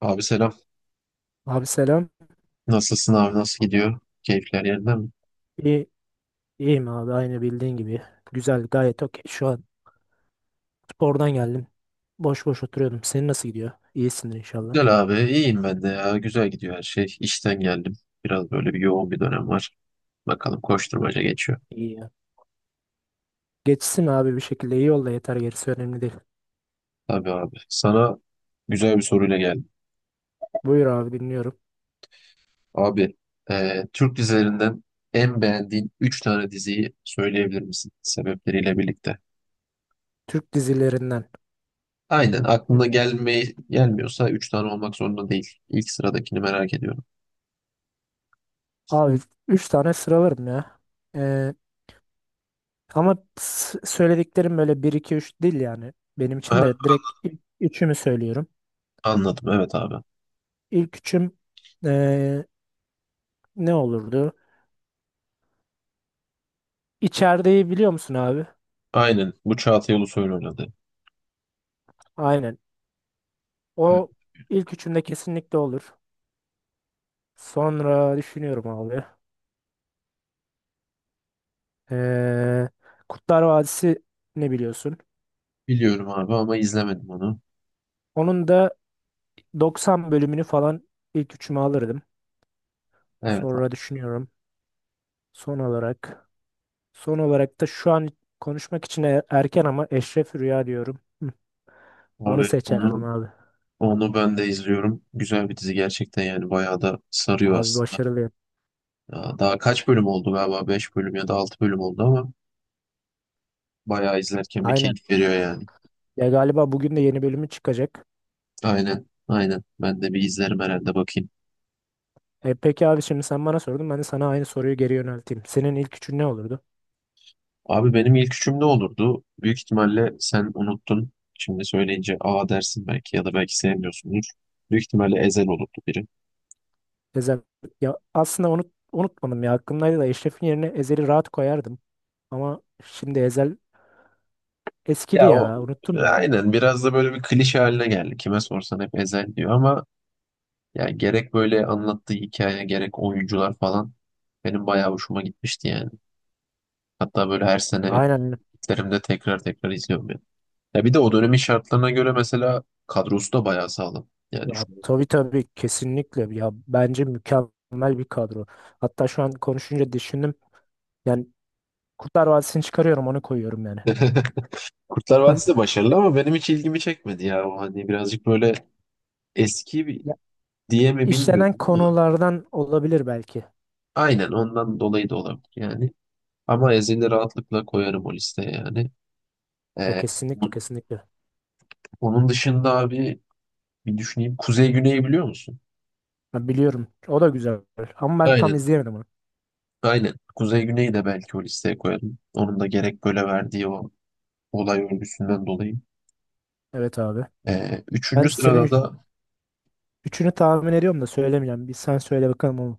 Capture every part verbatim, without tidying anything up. Abi selam. Abi selam. Nasılsın abi? Nasıl gidiyor? Keyifler yerinde mi? İyi, iyiyim abi aynı bildiğin gibi. Güzel gayet okey. Şu an spordan geldim. Boş boş oturuyordum. Senin nasıl gidiyor? İyisindir inşallah. Güzel abi. İyiyim ben de ya. Güzel gidiyor her şey. İşten geldim. Biraz böyle bir yoğun bir dönem var. Bakalım koşturmaca geçiyor. İyi ya. Geçsin abi bir şekilde iyi ol da yeter gerisi önemli değil. Tabii abi. Sana güzel bir soruyla geldim. Buyur abi dinliyorum. Abi e, Türk dizilerinden en beğendiğin üç tane diziyi söyleyebilir misin? Sebepleriyle birlikte. Türk dizilerinden. Aynen. Aklına gelmeyi gelmiyorsa üç tane olmak zorunda değil. İlk sıradakini merak ediyorum. Abi üç tane sıralarım ya. Ee, ama s- söylediklerim böyle bir iki üç değil yani. Benim için de Aha, direkt ilk üçümü söylüyorum. anladım. Evet abi. İlk üçüm ee, ne olurdu? İçerideyi biliyor musun abi? Aynen. Bu Çağatay Ulusoy'un oynadı. Aynen. O ilk üçümde kesinlikle olur. Sonra düşünüyorum abi. Ee, Kurtlar Vadisi ne biliyorsun? Biliyorum abi ama izlemedim onu. Onun da doksan bölümünü falan ilk üçüme alırdım. Evet abi. Sonra düşünüyorum. Son olarak. Son olarak da şu an konuşmak için e- erken ama Eşref Rüya diyorum. Hı, onu seçerdim onu abi. onu ben de izliyorum. Güzel bir dizi gerçekten, yani bayağı da sarıyor Abi aslında. başarılıyım. Ya, daha kaç bölüm oldu galiba? Beş bölüm ya da altı bölüm oldu ama bayağı izlerken bir Aynen. keyif veriyor yani. Ya galiba bugün de yeni bölümü çıkacak. Aynen, aynen, ben de bir izlerim herhalde bakayım. E, peki abi şimdi sen bana sordun. Ben de sana aynı soruyu geri yönelteyim. Senin ilk üçün ne olurdu? Abi benim ilk üçüm ne olurdu? Büyük ihtimalle sen unuttun. Şimdi söyleyince aa dersin belki, ya da belki sevmiyorsundur. Büyük ihtimalle Ezel olurdu biri. Ezel. Ya aslında onu unutmadım ya. Aklımdaydı da Eşref'in yerine Ezel'i rahat koyardım. Ama şimdi Ezel eskidi Ya o ya. Unuttum ya. Aynen, biraz da böyle bir klişe haline geldi. Kime sorsan hep Ezel diyor ama yani, gerek böyle anlattığı hikaye, gerek oyuncular falan, benim bayağı hoşuma gitmişti yani. Hatta böyle her sene Aynen. gitlerimde tekrar tekrar izliyorum yani. Ya bir de o dönemin şartlarına göre mesela kadrosu da bayağı sağlam. Yani Ya, şu... tabii tabii kesinlikle. Ya bence mükemmel bir kadro. Hatta şu an konuşunca düşündüm. Yani Kurtlar Vadisi'ni çıkarıyorum onu koyuyorum yani. Kurtlar Vadisi de başarılı ama benim hiç ilgimi çekmedi ya. O hani birazcık böyle eski bir Ya, diye mi işlenen bilmiyorum ama, konulardan olabilir belki. aynen, ondan dolayı da olabilir yani. Ama Ezel'i rahatlıkla koyarım o listeye yani. Ya Ee, kesinlikle kesinlikle. onun dışında abi, bir düşüneyim. Kuzey Güney'i biliyor musun? Ben biliyorum. O da güzel. Ama ben tam Aynen. izleyemedim onu. Aynen. Kuzey Güney'i de belki o listeye koyarım. Onun da gerek böyle verdiği o olay örgüsünden dolayı. Evet abi. Ee, Ben üçüncü senin sırada üç- da, üçünü tahmin ediyorum da söylemeyeceğim. Bir sen söyle bakalım onu.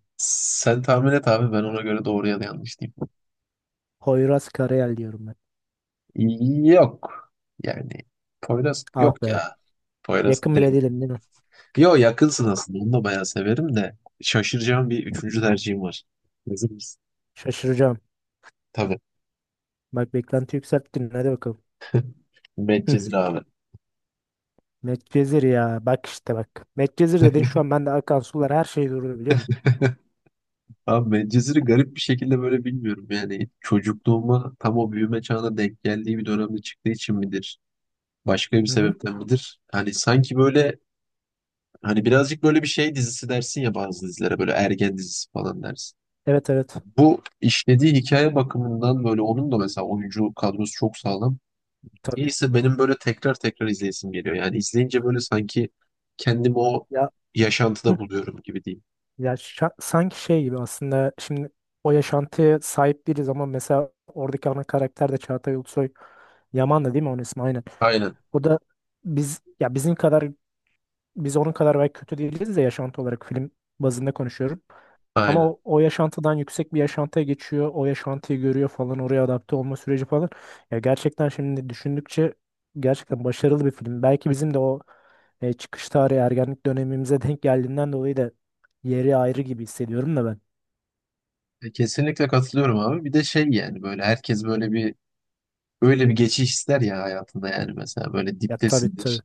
sen tahmin et abi, ben ona göre doğru ya da yanlış diyeyim. Poyraz Karayel diyorum ben. Yok. Yani Poyraz Ah yok be. ya. Poyraz Yakın bile Karayel. değilim değil mi? Yo, yakınsın aslında. Onu da bayağı severim de. Şaşıracağım bir üçüncü tercihim var. Hazır mısın? Şaşıracağım. Tabii. Bak beklenti yükselttin. Hadi bakalım. Hıh. Medcezir abi. Medcezir ya. Bak işte bak. Medcezir dedin şu an bende akan sular her şey durdu biliyor musun? Abi Medcezir'i garip bir şekilde böyle bilmiyorum. Yani çocukluğuma tam o büyüme çağına denk geldiği bir dönemde çıktığı için midir? Başka bir Hı hı. sebepten midir? Hani sanki böyle, hani birazcık böyle bir şey dizisi dersin ya, bazı dizilere böyle ergen dizisi falan dersin. Evet evet. Bu işlediği hikaye bakımından böyle, onun da mesela oyuncu kadrosu çok sağlam. Tabii. Neyse, benim böyle tekrar tekrar izleyesim geliyor. Yani izleyince böyle sanki kendimi o Ya hıh. yaşantıda buluyorum gibi diyeyim. Ya şa- sanki şey gibi aslında şimdi o yaşantıya sahip değiliz ama mesela oradaki ana karakter de Çağatay Ulusoy Yaman da değil mi onun ismi aynen. Aynen, O da biz ya bizim kadar biz onun kadar belki kötü değiliz de yaşantı olarak film bazında konuşuyorum. Ama aynen. o, o yaşantıdan yüksek bir yaşantıya geçiyor. O yaşantıyı görüyor falan. Oraya adapte olma süreci falan. Ya gerçekten şimdi düşündükçe gerçekten başarılı bir film. Belki bizim de o e, çıkış tarihi ergenlik dönemimize denk geldiğinden dolayı da yeri ayrı gibi hissediyorum da ben. E, Kesinlikle katılıyorum abi. Bir de şey, yani böyle herkes böyle bir böyle bir geçiş ister ya hayatında, yani mesela böyle Ya tabii diptesindir. tabii.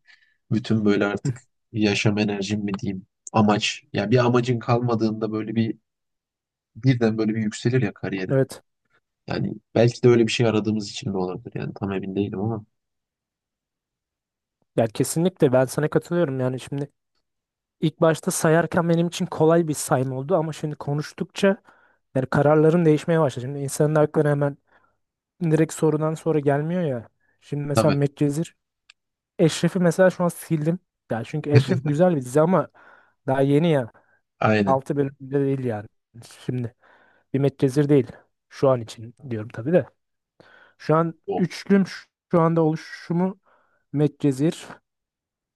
Bütün böyle Hı, artık yaşam enerjim mi diyeyim, amaç. Ya bir amacın kalmadığında böyle bir birden böyle bir yükselir ya kariyerin. evet. Yani belki de öyle bir şey aradığımız için de olabilir. Yani tam emin değilim ama. Ya kesinlikle ben sana katılıyorum. Yani şimdi ilk başta sayarken benim için kolay bir sayım oldu ama şimdi konuştukça yani kararların değişmeye başladı. Şimdi insanın aklına hemen direkt sorudan sonra gelmiyor ya. Şimdi mesela Tabii, Medcezir. Eşref'i mesela şu an sildim. Ya çünkü Eşref güzel bir dizi ama daha yeni ya. aynen. Altı bölümde değil yani. Şimdi bir Medcezir değil. Şu an için diyorum tabii de. Şu an O üçlüm ş- şu anda oluşumu Medcezir,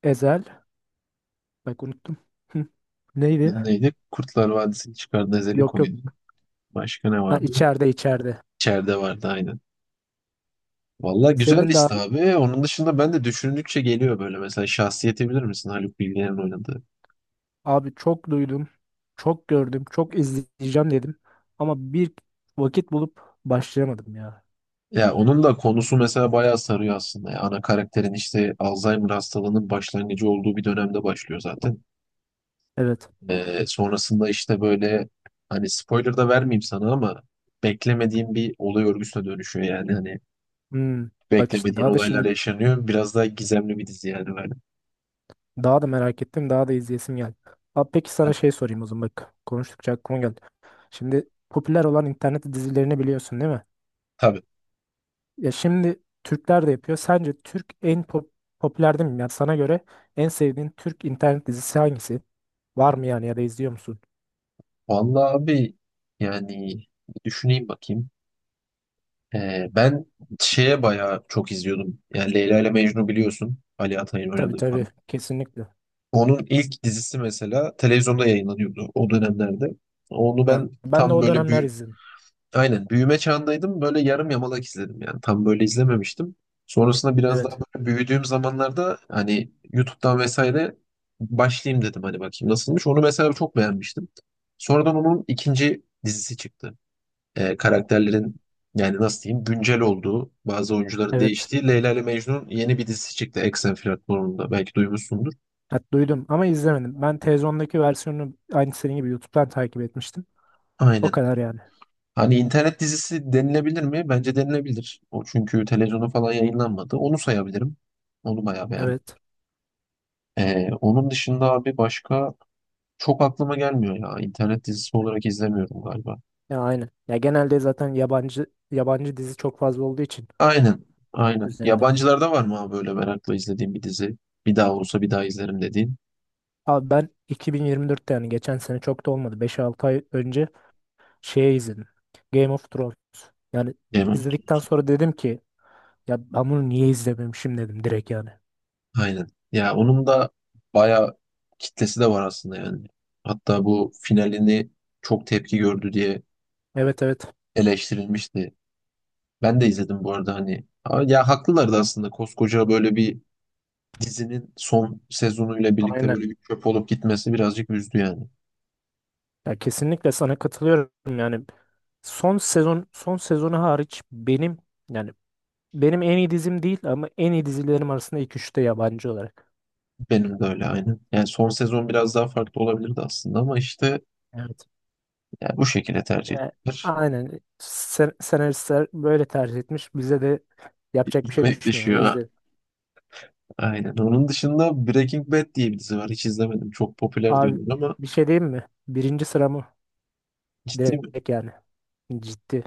Ezel. Bak unuttum. Hı. Neydi? biri neydi? Kurtlar Vadisi'nin çıkardığı Ezeli Yok oyunu. yok. Başka ne Ha vardı? içeride içeride. İçeride vardı aynen. Valla güzel Senin de liste abi. Onun dışında ben de düşündükçe geliyor böyle. Mesela Şahsiyet'i bilir misin? Haluk Bilginer'in oynadığı. abi çok duydum, çok gördüm, çok izleyeceğim dedim. Ama bir vakit bulup başlayamadım ya. Ya onun da konusu mesela bayağı sarıyor aslında. Ya, ana karakterin işte Alzheimer hastalığının başlangıcı olduğu bir dönemde başlıyor zaten. Evet. Ee, sonrasında işte böyle, hani spoiler da vermeyeyim sana ama, beklemediğim bir olay örgüsüne dönüşüyor yani. Hani Hmm. Bak işte beklemediğin daha da olaylar şimdi yaşanıyor. Biraz daha gizemli bir dizi yani böyle. daha da merak ettim, daha da izleyesim geldi. Abi peki Yani sana şey sorayım o zaman bak. Konuştukça aklıma geldi. Şimdi popüler olan internet dizilerini biliyorsun değil mi? tabii. Ya şimdi Türkler de yapıyor. Sence Türk en pop- popüler değil mi? Yani sana göre en sevdiğin Türk internet dizisi hangisi? Var mı yani ya da izliyor musun? Vallahi abi, yani bir düşüneyim bakayım. Ee, ben şeye bayağı çok izliyordum. Yani Leyla ile Mecnun biliyorsun. Ali Atay'ın Tabii oynadığı tabii falan. kesinlikle. Onun ilk dizisi mesela televizyonda yayınlanıyordu o dönemlerde. Onu Yani ben ben de tam o böyle dönemler büyü izledim. aynen büyüme çağındaydım. Böyle yarım yamalak izledim yani. Tam böyle izlememiştim. Sonrasında biraz daha Evet. böyle büyüdüğüm zamanlarda hani YouTube'dan vesaire başlayayım dedim, hani bakayım nasılmış. Onu mesela çok beğenmiştim. Sonradan onun ikinci dizisi çıktı. Ee, karakterlerin yani, nasıl diyeyim, güncel olduğu, bazı oyuncuların Evet. değiştiği Leyla ile Mecnun yeni bir dizisi çıktı Eksen platformunda, belki duymuşsundur. Ha, duydum ama izlemedim. Ben televizyondaki versiyonunu aynı senin gibi YouTube'dan takip etmiştim. O Aynen. kadar yani. Hani internet dizisi denilebilir mi? Bence denilebilir. O çünkü televizyona falan yayınlanmadı. Onu sayabilirim. Onu bayağı beğendim. Evet. Ee, onun dışında abi başka çok aklıma gelmiyor ya. İnternet dizisi olarak izlemiyorum galiba. Ya aynen. Ya genelde zaten yabancı yabancı dizi çok fazla olduğu için Aynen. net Aynen. üzerinde. Yabancılarda var mı abi böyle merakla izlediğim bir dizi? Bir daha olsa bir daha izlerim dediğin. Abi ben iki bin yirmi dörtte yani geçen sene çok da olmadı. Beş altı ay önce şey izledim. Game of Thrones. Yani Game of izledikten Thrones. sonra dedim ki ya ben bunu niye izlememişim dedim direkt yani. Aynen. Ya onun da bayağı kitlesi de var aslında yani. Hatta bu finalini çok tepki gördü diye Evet evet. eleştirilmişti. Ben de izledim bu arada hani. Aa, ya haklılardı aslında. Koskoca böyle bir dizinin son sezonuyla birlikte Aynen. böyle bir çöp olup gitmesi birazcık üzdü yani. Ya kesinlikle sana katılıyorum yani. Son sezon son sezonu hariç benim yani benim en iyi dizim değil ama en iyi dizilerim arasında ilk üçte yabancı olarak. Benim de öyle aynı. Yani son sezon biraz daha farklı olabilirdi aslında ama işte, Evet. yani bu şekilde tercih Ya, ettiler. aynen. Sen, senaristler böyle tercih etmiş. Bize de yapacak bir şey Gitmek düşmüyor yani düşüyor. Ha. izle. Aynen. Onun dışında Breaking Bad diye bir dizi var. Hiç izlemedim. Çok popüler Abi diyorlar ama, bir şey diyeyim mi? Birinci sıramı ciddi mi? direkt yani. Ciddi.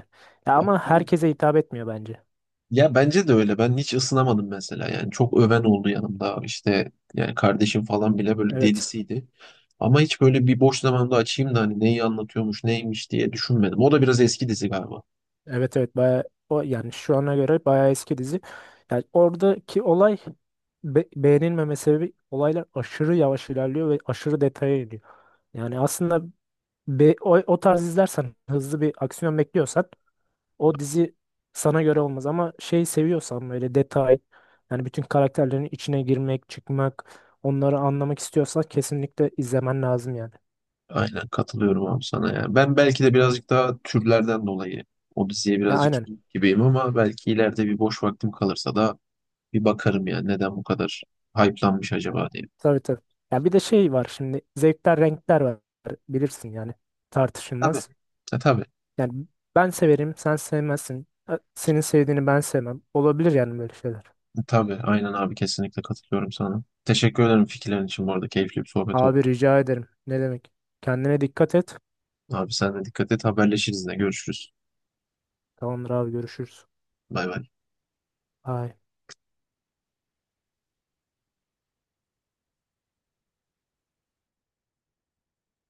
Ya Bak, ama Ben herkese hitap etmiyor bence. Ya bence de öyle. Ben hiç ısınamadım mesela. Yani çok öven oldu yanımda. İşte yani kardeşim falan bile böyle Evet. delisiydi. Ama hiç böyle bir boş zamanda açayım da hani neyi anlatıyormuş, neymiş diye düşünmedim. O da biraz eski dizi galiba. Evet evet bayağı o yani şu ana göre bayağı eski dizi. Yani oradaki olay be- beğenilmeme sebebi olaylar aşırı yavaş ilerliyor ve aşırı detaya iniyor. Yani aslında be- o, o tarz izlersen hızlı bir aksiyon bekliyorsan o dizi sana göre olmaz ama şey seviyorsan böyle detay yani bütün karakterlerin içine girmek, çıkmak, onları anlamak istiyorsan kesinlikle izlemen lazım yani. Aynen, katılıyorum abi sana ya. Ben belki de birazcık daha türlerden dolayı o diziye Ya birazcık aynen. soğuk gibiyim, ama belki ileride bir boş vaktim kalırsa da bir bakarım ya, neden bu kadar hype'lanmış Ya, acaba diye. tabii tabii. Ya bir de şey var şimdi zevkler renkler var bilirsin yani Tabii. tartışılmaz. E, tabii. Yani ben severim sen sevmezsin. Ö- Senin sevdiğini ben sevmem. Olabilir yani böyle şeyler. Tabii aynen abi, kesinlikle katılıyorum sana. Teşekkür ederim fikirlerin için, bu arada keyifli bir sohbet oldu. Abi rica ederim. Ne demek? Kendine dikkat et. Abi sen de dikkat et, haberleşiriz, yine görüşürüz. Tamamdır abi görüşürüz. Bay bay. Bye.